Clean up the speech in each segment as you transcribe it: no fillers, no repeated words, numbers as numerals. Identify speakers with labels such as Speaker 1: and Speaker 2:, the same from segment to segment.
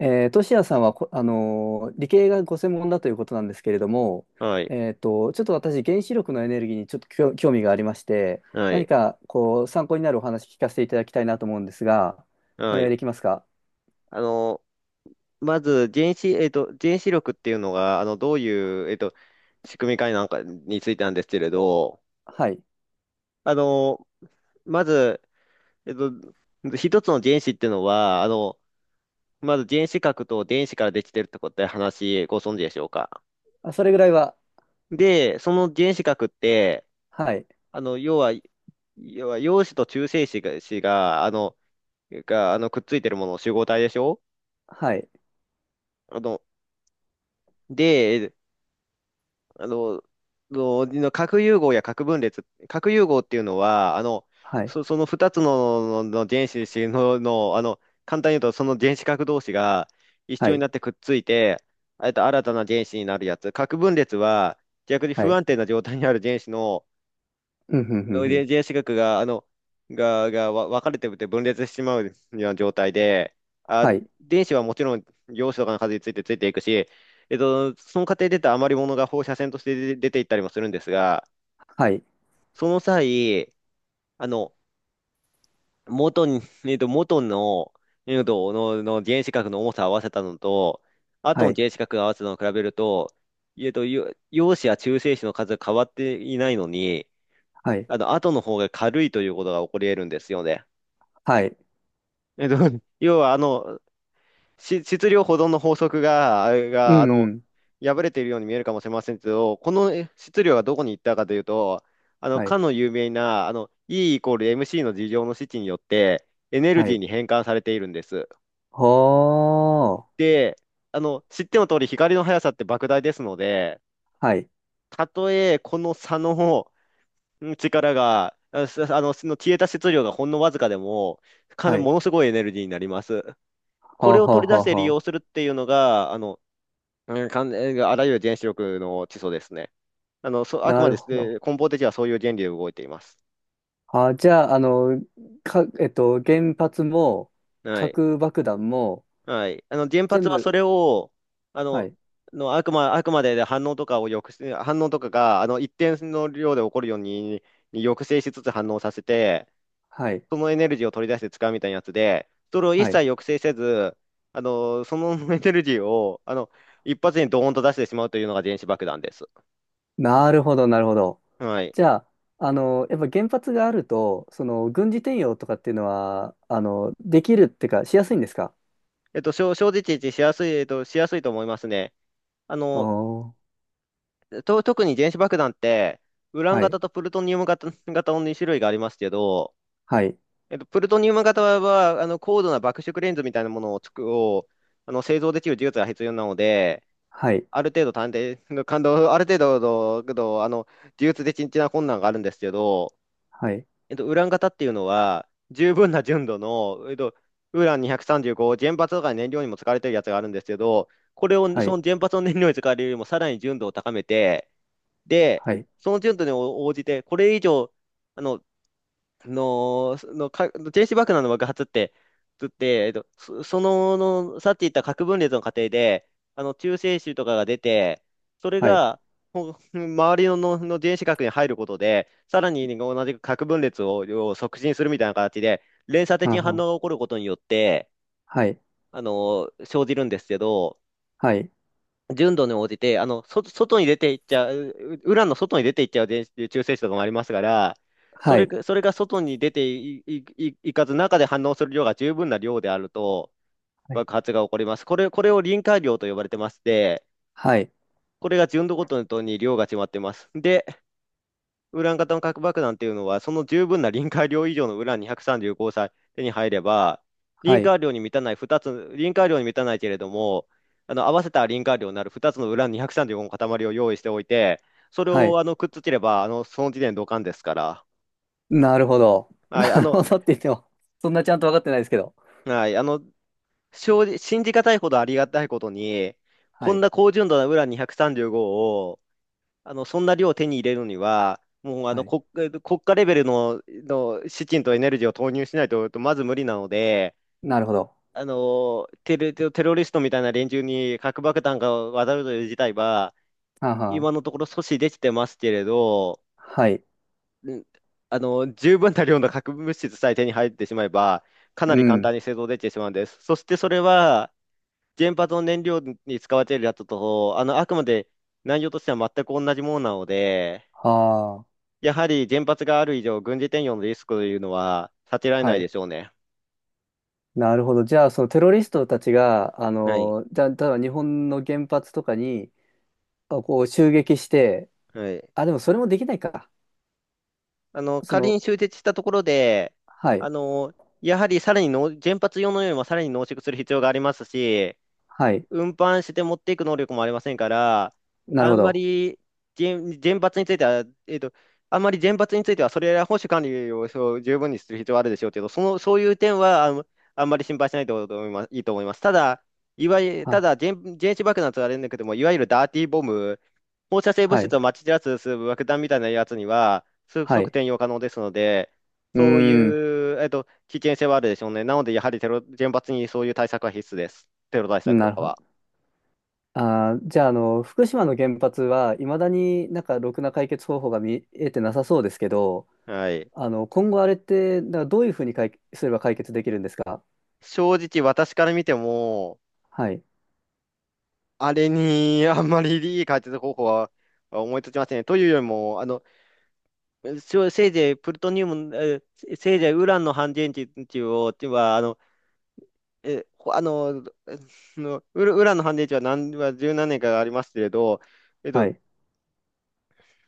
Speaker 1: トシヤさんは理系がご専門だということなんですけれども、
Speaker 2: はい。
Speaker 1: ちょっと私、原子力のエネルギーにちょっと興味がありまして、
Speaker 2: は
Speaker 1: 何
Speaker 2: い。
Speaker 1: かこう参考になるお話聞かせていただきたいなと思うんですが、お
Speaker 2: は
Speaker 1: 願い
Speaker 2: い。
Speaker 1: できますか？
Speaker 2: あの、まず、原子力っていうのが、どういう、えっと、仕組みかなんかについてなんですけれど、
Speaker 1: はい。
Speaker 2: あの、まず、えっと、一つの原子っていうのは、まず原子核と電子からできてるってことで、ご存知でしょうか。
Speaker 1: あ、それぐらいは、
Speaker 2: で、その原子核って、
Speaker 1: はい、
Speaker 2: あの、要は、要は陽子と中性子が、子が、あの、が、あの、くっついてるもの、集合体でしょ。
Speaker 1: はい、
Speaker 2: あの、で、あの、のの核融合や核分裂、核融合っていうのは、
Speaker 1: はい、
Speaker 2: その2つの、原子の、簡単に言うと、その原子核同士が一
Speaker 1: は
Speaker 2: 緒に
Speaker 1: い、
Speaker 2: なってくっついて、新たな原子になるやつ。核分裂は、逆に
Speaker 1: は
Speaker 2: 不
Speaker 1: い、
Speaker 2: 安定な状態にある原子の
Speaker 1: うん、うん、うん、
Speaker 2: の
Speaker 1: うん、
Speaker 2: 遺伝子学が、あの、が、が、わ分かれてて分裂してしまうような状態で、あ、
Speaker 1: はい、
Speaker 2: 電子はもちろん陽子とかの数についてついていくし、その過程で出た余り物が放射線として出ていったりもするんですが、
Speaker 1: はい、
Speaker 2: その際、あの、元に、えっと、元の、えっと、の、の原子核の重さを合わせたのと、後
Speaker 1: は
Speaker 2: の
Speaker 1: い、
Speaker 2: 原子核を合わせたのを比べると、陽子や中性子の数が変わっていないのに、
Speaker 1: はい、
Speaker 2: 後の方が軽いということが起こり得るんですよね。
Speaker 1: はい、
Speaker 2: えっと、要は、質量保存の法則が、
Speaker 1: うん、うん、
Speaker 2: 破れているように見えるかもしれませんけど、この質量がどこに行ったかというと、
Speaker 1: は
Speaker 2: か
Speaker 1: い、
Speaker 2: の有名な、E イコール MC の事情の式によって、エネル
Speaker 1: は
Speaker 2: ギー
Speaker 1: い、
Speaker 2: に変換されているんです。
Speaker 1: ほー、
Speaker 2: で、知っての通り、光の速さって莫大ですので、
Speaker 1: はい、
Speaker 2: たとえこの差のうん力が、あすあの、その消えた質量がほんのわずかでも、
Speaker 1: は
Speaker 2: も
Speaker 1: い、
Speaker 2: のすごいエネルギーになります。
Speaker 1: は
Speaker 2: こ
Speaker 1: あ
Speaker 2: れを
Speaker 1: はあ
Speaker 2: 取り
Speaker 1: は
Speaker 2: 出し
Speaker 1: あ
Speaker 2: て利
Speaker 1: は
Speaker 2: 用す
Speaker 1: あ、
Speaker 2: るっていうのが、うん、かん、あらゆる原子力の基礎ですね。あく
Speaker 1: な
Speaker 2: まで、
Speaker 1: るほど。
Speaker 2: 根本的にはそういう原理で動いています。
Speaker 1: あ、じゃあ、原発も、
Speaker 2: はい。
Speaker 1: 核爆弾も、
Speaker 2: はい。原
Speaker 1: 全
Speaker 2: 発は
Speaker 1: 部、
Speaker 2: それを、あ
Speaker 1: は
Speaker 2: の、
Speaker 1: い、
Speaker 2: のあくま、あくまで反応とかが、一定の量で起こるように、に抑制しつつ反応させて、
Speaker 1: はい、
Speaker 2: そのエネルギーを取り出して使うみたいなやつで、それを一
Speaker 1: は
Speaker 2: 切
Speaker 1: い。
Speaker 2: 抑制せず、そのエネルギーを、一発にドーンと出してしまうというのが電子爆弾です。
Speaker 1: なるほど、なるほど。
Speaker 2: はい。
Speaker 1: じゃあ、やっぱ原発があると、軍事転用とかっていうのは、できるってか、しやすいんですか？
Speaker 2: 正直しやすい、しやすいと思いますね。あ
Speaker 1: お
Speaker 2: の、
Speaker 1: ー、
Speaker 2: 特に原子爆弾って、ウラン
Speaker 1: はい、
Speaker 2: 型とプルトニウム型、2種類がありますけど、
Speaker 1: はい、
Speaker 2: プルトニウム型は、高度な爆縮レンズみたいなものを作、を、あの、製造できる技術が必要なので、
Speaker 1: はい、
Speaker 2: ある程度探偵、感動、ある程度の、技術的な困難があるんですけど、
Speaker 1: はい、
Speaker 2: ウラン型っていうのは、十分な純度の、ウラン235、原発とか燃料にも使われてるやつがあるんですけど、これを、
Speaker 1: は
Speaker 2: そ
Speaker 1: い、
Speaker 2: の原発の燃料に使われるよりもさらに純度を高めて、で、
Speaker 1: はい、
Speaker 2: その純度に応じて、これ以上、あの、の、のか、原子爆弾の爆発って、つって、えっと、そ、その、の、さっき言った核分裂の過程で、中性子とかが出て、それ
Speaker 1: はい、
Speaker 2: が、周りの、原子核に入ることで、さらに同じく核分裂を、を促進するみたいな形で、連鎖的
Speaker 1: は
Speaker 2: に
Speaker 1: ん
Speaker 2: 反
Speaker 1: はん、
Speaker 2: 応が起こることによって、
Speaker 1: はい、
Speaker 2: 生じるんですけど、
Speaker 1: はい、
Speaker 2: 純度に応じて、外に出ていっちゃう、ウランの外に出ていっちゃう中性子とかもありますから、
Speaker 1: はい、
Speaker 2: それが外に出てい、い、いいかず中で反応する量が十分な量であると
Speaker 1: はい、
Speaker 2: 爆発が起こります。これを臨界量と呼ばれてまして、
Speaker 1: はい、
Speaker 2: これが純度ごとに量が決まってます。で、ウラン型の核爆弾っていうのは、その十分な臨界量以上のウラン235さんじゅうごを手に入れば、
Speaker 1: はい、
Speaker 2: 臨界量に満たないけれども、あの合わせた臨界量になる2つのウラン235の塊を用意しておいて、それ
Speaker 1: は
Speaker 2: を
Speaker 1: い、
Speaker 2: あのくっつければ、あのその時点でドカンですから。
Speaker 1: なるほど。
Speaker 2: はい、
Speaker 1: な
Speaker 2: あ
Speaker 1: る
Speaker 2: の、
Speaker 1: ほどって言っても、そんなちゃんと分かってないですけど。
Speaker 2: はい、正直信じがたいほどありがたいことに、
Speaker 1: は
Speaker 2: こん
Speaker 1: い。
Speaker 2: な高純度なウラン235をそんな量を手に入れるには、もうあ
Speaker 1: は
Speaker 2: の
Speaker 1: い。
Speaker 2: 国、国家レベルの、の資金とエネルギーを投入しないと、まず無理なので、
Speaker 1: なるほど。
Speaker 2: あのテロリストみたいな連中に核爆弾が渡るという事態は、
Speaker 1: はんはん。
Speaker 2: 今のところ阻止できてますけれど、
Speaker 1: はい。
Speaker 2: うんあの十分な量の核物質さえ手に入ってしまえば、かな
Speaker 1: う
Speaker 2: り簡
Speaker 1: ん。
Speaker 2: 単に製造できてしまうんです。そしてそれは、原発の燃料に使われているやつと、あのあくまで内容としては全く同じものなので、
Speaker 1: は
Speaker 2: やはり原発がある以上、軍事転用のリスクというのは避けられ
Speaker 1: あ。
Speaker 2: な
Speaker 1: は
Speaker 2: いで
Speaker 1: い。
Speaker 2: しょうね。
Speaker 1: なるほど。じゃあ、そのテロリストたちが、
Speaker 2: はい。
Speaker 1: じゃあ、例えば日本の原発とかに、襲撃して、
Speaker 2: はい。
Speaker 1: あ、でもそれもできないか。そ
Speaker 2: 仮
Speaker 1: の、
Speaker 2: に終結したところで、
Speaker 1: はい。
Speaker 2: あの、やはりさらにの原発用のよりもさらに濃縮する必要がありますし、
Speaker 1: はい。
Speaker 2: 運搬して持っていく能力もありませんから、
Speaker 1: なる
Speaker 2: あ
Speaker 1: ほ
Speaker 2: んま
Speaker 1: ど。
Speaker 2: り原、原発については、えっと、あんまり原発については、それら保守管理をそう十分にする必要はあるでしょうけど、その、そういう点はあん、あんまり心配しないと思います、いいと思います。ただ、いわゆる、た
Speaker 1: は、
Speaker 2: だ原、原子爆弾とはあれんだけども、いわゆるダーティーボム、放射性物
Speaker 1: は
Speaker 2: 質
Speaker 1: い。
Speaker 2: をまき散らす爆弾みたいなやつには、
Speaker 1: は
Speaker 2: 即
Speaker 1: い。
Speaker 2: 転用可能ですので、
Speaker 1: うー
Speaker 2: そうい
Speaker 1: ん。
Speaker 2: う、危険性はあるでしょうね。なので、やはり原発にそういう対策は必須です。テロ対策と
Speaker 1: なる
Speaker 2: か
Speaker 1: ほ
Speaker 2: は。
Speaker 1: ど。あー、じゃあ、福島の原発はいまだになんかろくな解決方法が見えてなさそうですけど、
Speaker 2: はい。
Speaker 1: 今後あれって、だからどういうふうに解すれば解決できるんですか？
Speaker 2: 正直私から見ても、
Speaker 1: はい、
Speaker 2: あれに あんまりいい解決方法は思いつきませんね。というよりも、せいぜいプルトニウム、えせせいぜいウランの半電池を、ては、あの、え、ほあの、えのウランの半電池は十何年かありますけれど、えっ
Speaker 1: は
Speaker 2: と、
Speaker 1: い、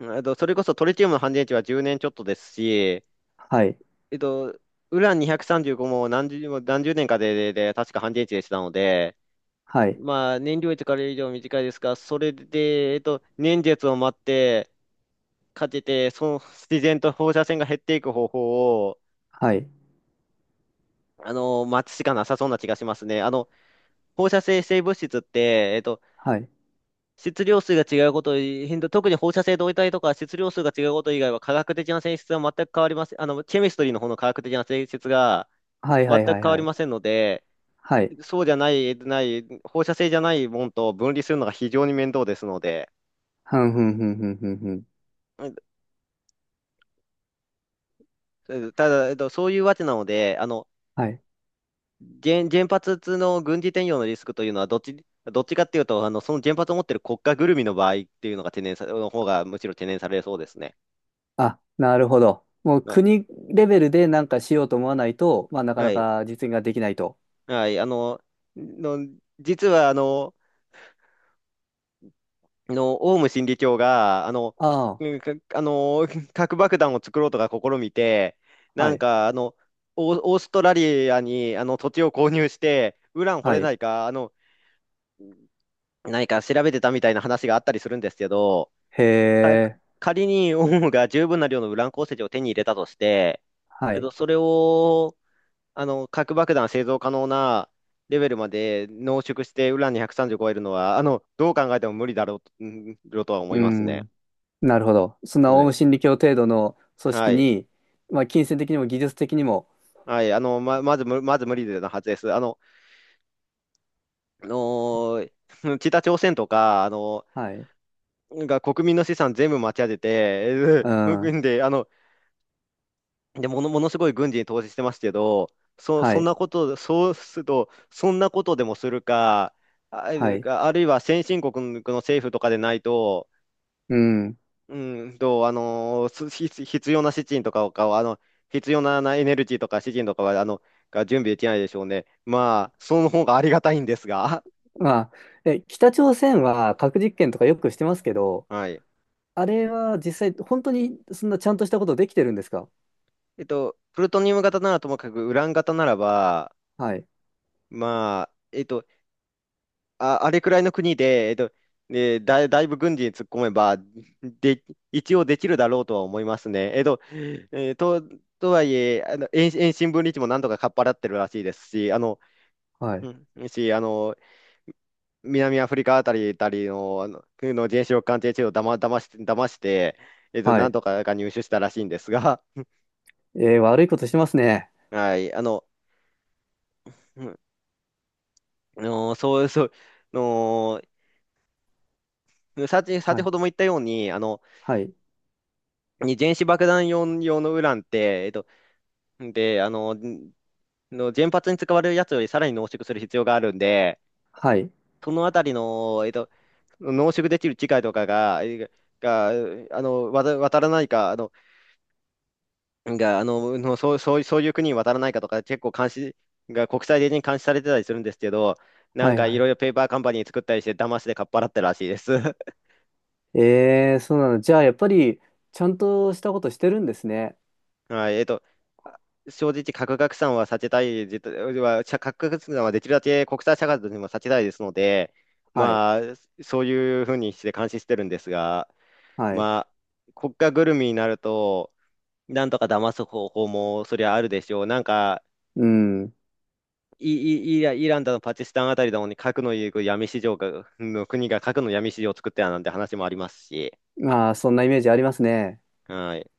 Speaker 2: それこそトリチウムの半電池は10年ちょっとですし、
Speaker 1: はい、
Speaker 2: えっと、ウラン235も何十年かで、で確か半電池でしたので、
Speaker 1: はい、
Speaker 2: まあ、燃料位とから以上短いですが、それで、年月を待って、かけて、その自然と放射線が減っていく方法を、
Speaker 1: はい、
Speaker 2: 待つしかなさそうな気がしますね。放射性物質って、
Speaker 1: はい、
Speaker 2: 質量数が違うこと変動特に放射性同位体とか質量数が違うこと以外は科学的な性質は全く変わりません。ケミストリーの方の科学的な性質が
Speaker 1: はい、
Speaker 2: 全
Speaker 1: はい、
Speaker 2: く
Speaker 1: はい、
Speaker 2: 変わ
Speaker 1: は
Speaker 2: り
Speaker 1: い、
Speaker 2: ませんので、
Speaker 1: はい、
Speaker 2: そうじゃない、ない、放射性じゃないもんと分離するのが非常に面倒ですので、
Speaker 1: ふんふんふんふんふんふん。
Speaker 2: うんただ、えっと、そういうわけなので、
Speaker 1: はい。
Speaker 2: 原発の軍事転用のリスクというのは、どっちかっていうと、その原発を持っている国家ぐるみの場合っていうのが懸念さ、の方がむしろ懸念されそうですね。
Speaker 1: あ、なるほど。もう
Speaker 2: はい。
Speaker 1: 国レベルでなんかしようと思わないと、まあ、なか
Speaker 2: は
Speaker 1: な
Speaker 2: い。
Speaker 1: か実現ができないと。
Speaker 2: はい。の、実は、オウム真理教が、あの、
Speaker 1: あ
Speaker 2: うんかあの、核爆弾を作ろうとか試みて、
Speaker 1: あ、
Speaker 2: な
Speaker 1: は
Speaker 2: ん
Speaker 1: い、
Speaker 2: か、オーストラリアに、土地を購入して、ウラン掘
Speaker 1: は
Speaker 2: れな
Speaker 1: い、
Speaker 2: いか、何か調べてたみたいな話があったりするんですけど、
Speaker 1: へ
Speaker 2: か
Speaker 1: え、
Speaker 2: 仮にオウムが十分な量のウラン鉱石を手に入れたとして、
Speaker 1: はい、
Speaker 2: それを、核爆弾製造可能なレベルまで濃縮してウラン230超えるのは、どう考えても無理だろうとは思
Speaker 1: う
Speaker 2: いますね。
Speaker 1: ん。なるほど。そんな
Speaker 2: は
Speaker 1: オウム
Speaker 2: い。
Speaker 1: 真理教程度の組織
Speaker 2: はい。
Speaker 1: に、まあ、金銭的にも技術的にも、
Speaker 2: はい。あの、ま、まず無、まず無理なはずです。あのー 北朝鮮とか、
Speaker 1: はい、
Speaker 2: が国民の資産全部持ち上げて、
Speaker 1: うん、
Speaker 2: で、で、ものすごい軍事に投資してますけど、
Speaker 1: は
Speaker 2: そん
Speaker 1: い、
Speaker 2: なこと、そうすると、そんなことでもするか、
Speaker 1: はい、
Speaker 2: あるいは先進国の政府とかでないと、
Speaker 1: うん。
Speaker 2: 必要な資金とかを、あの、必要なエネルギーとか資金とかは、が準備できないでしょうね。まあ、その方がありがたいんですが、
Speaker 1: まあ、北朝鮮は核実験とかよくしてますけど、
Speaker 2: はい。
Speaker 1: あれは実際、本当にそんなちゃんとしたことできてるんですか？
Speaker 2: プルトニウム型ならともかく、ウラン型ならば、
Speaker 1: はい、
Speaker 2: まあ、あれくらいの国で、だいぶ軍事に突っ込めば、で、一応できるだろうとは思いますね。えーと、とはいえ、遠心分離地もなんとかかっぱらってるらしいですし、
Speaker 1: はい、
Speaker 2: うんし、あの、南アフリカたりの、原子力鑑定地をだま、だまして、騙して、
Speaker 1: は
Speaker 2: なん
Speaker 1: い。
Speaker 2: とかが入手したらしいんですが、
Speaker 1: えー悪いことしてますね。
Speaker 2: はい、うんそう、そう、あの、
Speaker 1: は
Speaker 2: 先
Speaker 1: い、
Speaker 2: ほども言ったように、
Speaker 1: はい、
Speaker 2: 原子爆弾用のウランって、えっと、で、あの、んの原発に使われるやつよりさらに濃縮する必要があるんで、
Speaker 1: はい、
Speaker 2: そのあたりの、濃縮できる機械とかが、えが、あの、わた渡らないか、あの、が、あの、のそういう国に渡らないかとか、結構監視、が国際的に監視されてたりするんですけど、な
Speaker 1: は
Speaker 2: ん
Speaker 1: い、
Speaker 2: かい
Speaker 1: は
Speaker 2: ろい
Speaker 1: い。
Speaker 2: ろペーパーカンパニー作ったりして、騙してかっぱらってるらしいです。
Speaker 1: えー、そうなの。じゃあ、やっぱり、ちゃんとしたことしてるんですね。
Speaker 2: はい、あ正直、核拡散は避けたい、絶対は、しゃ核拡散はできるだけ国際社会としても避けたいですので、
Speaker 1: はい、
Speaker 2: まあ、そういうふうにして監視してるんですが、
Speaker 1: はい。
Speaker 2: まあ、国家ぐるみになると、なんとか騙す方法もそりゃあるでしょう。なんか、
Speaker 1: うん。
Speaker 2: イ、イライランだのパキスタンあたりだのに核の闇市場が、の国が核の闇市場を作ってたなんて話もありますし、
Speaker 1: まあ、そんなイメージありますね。
Speaker 2: はい。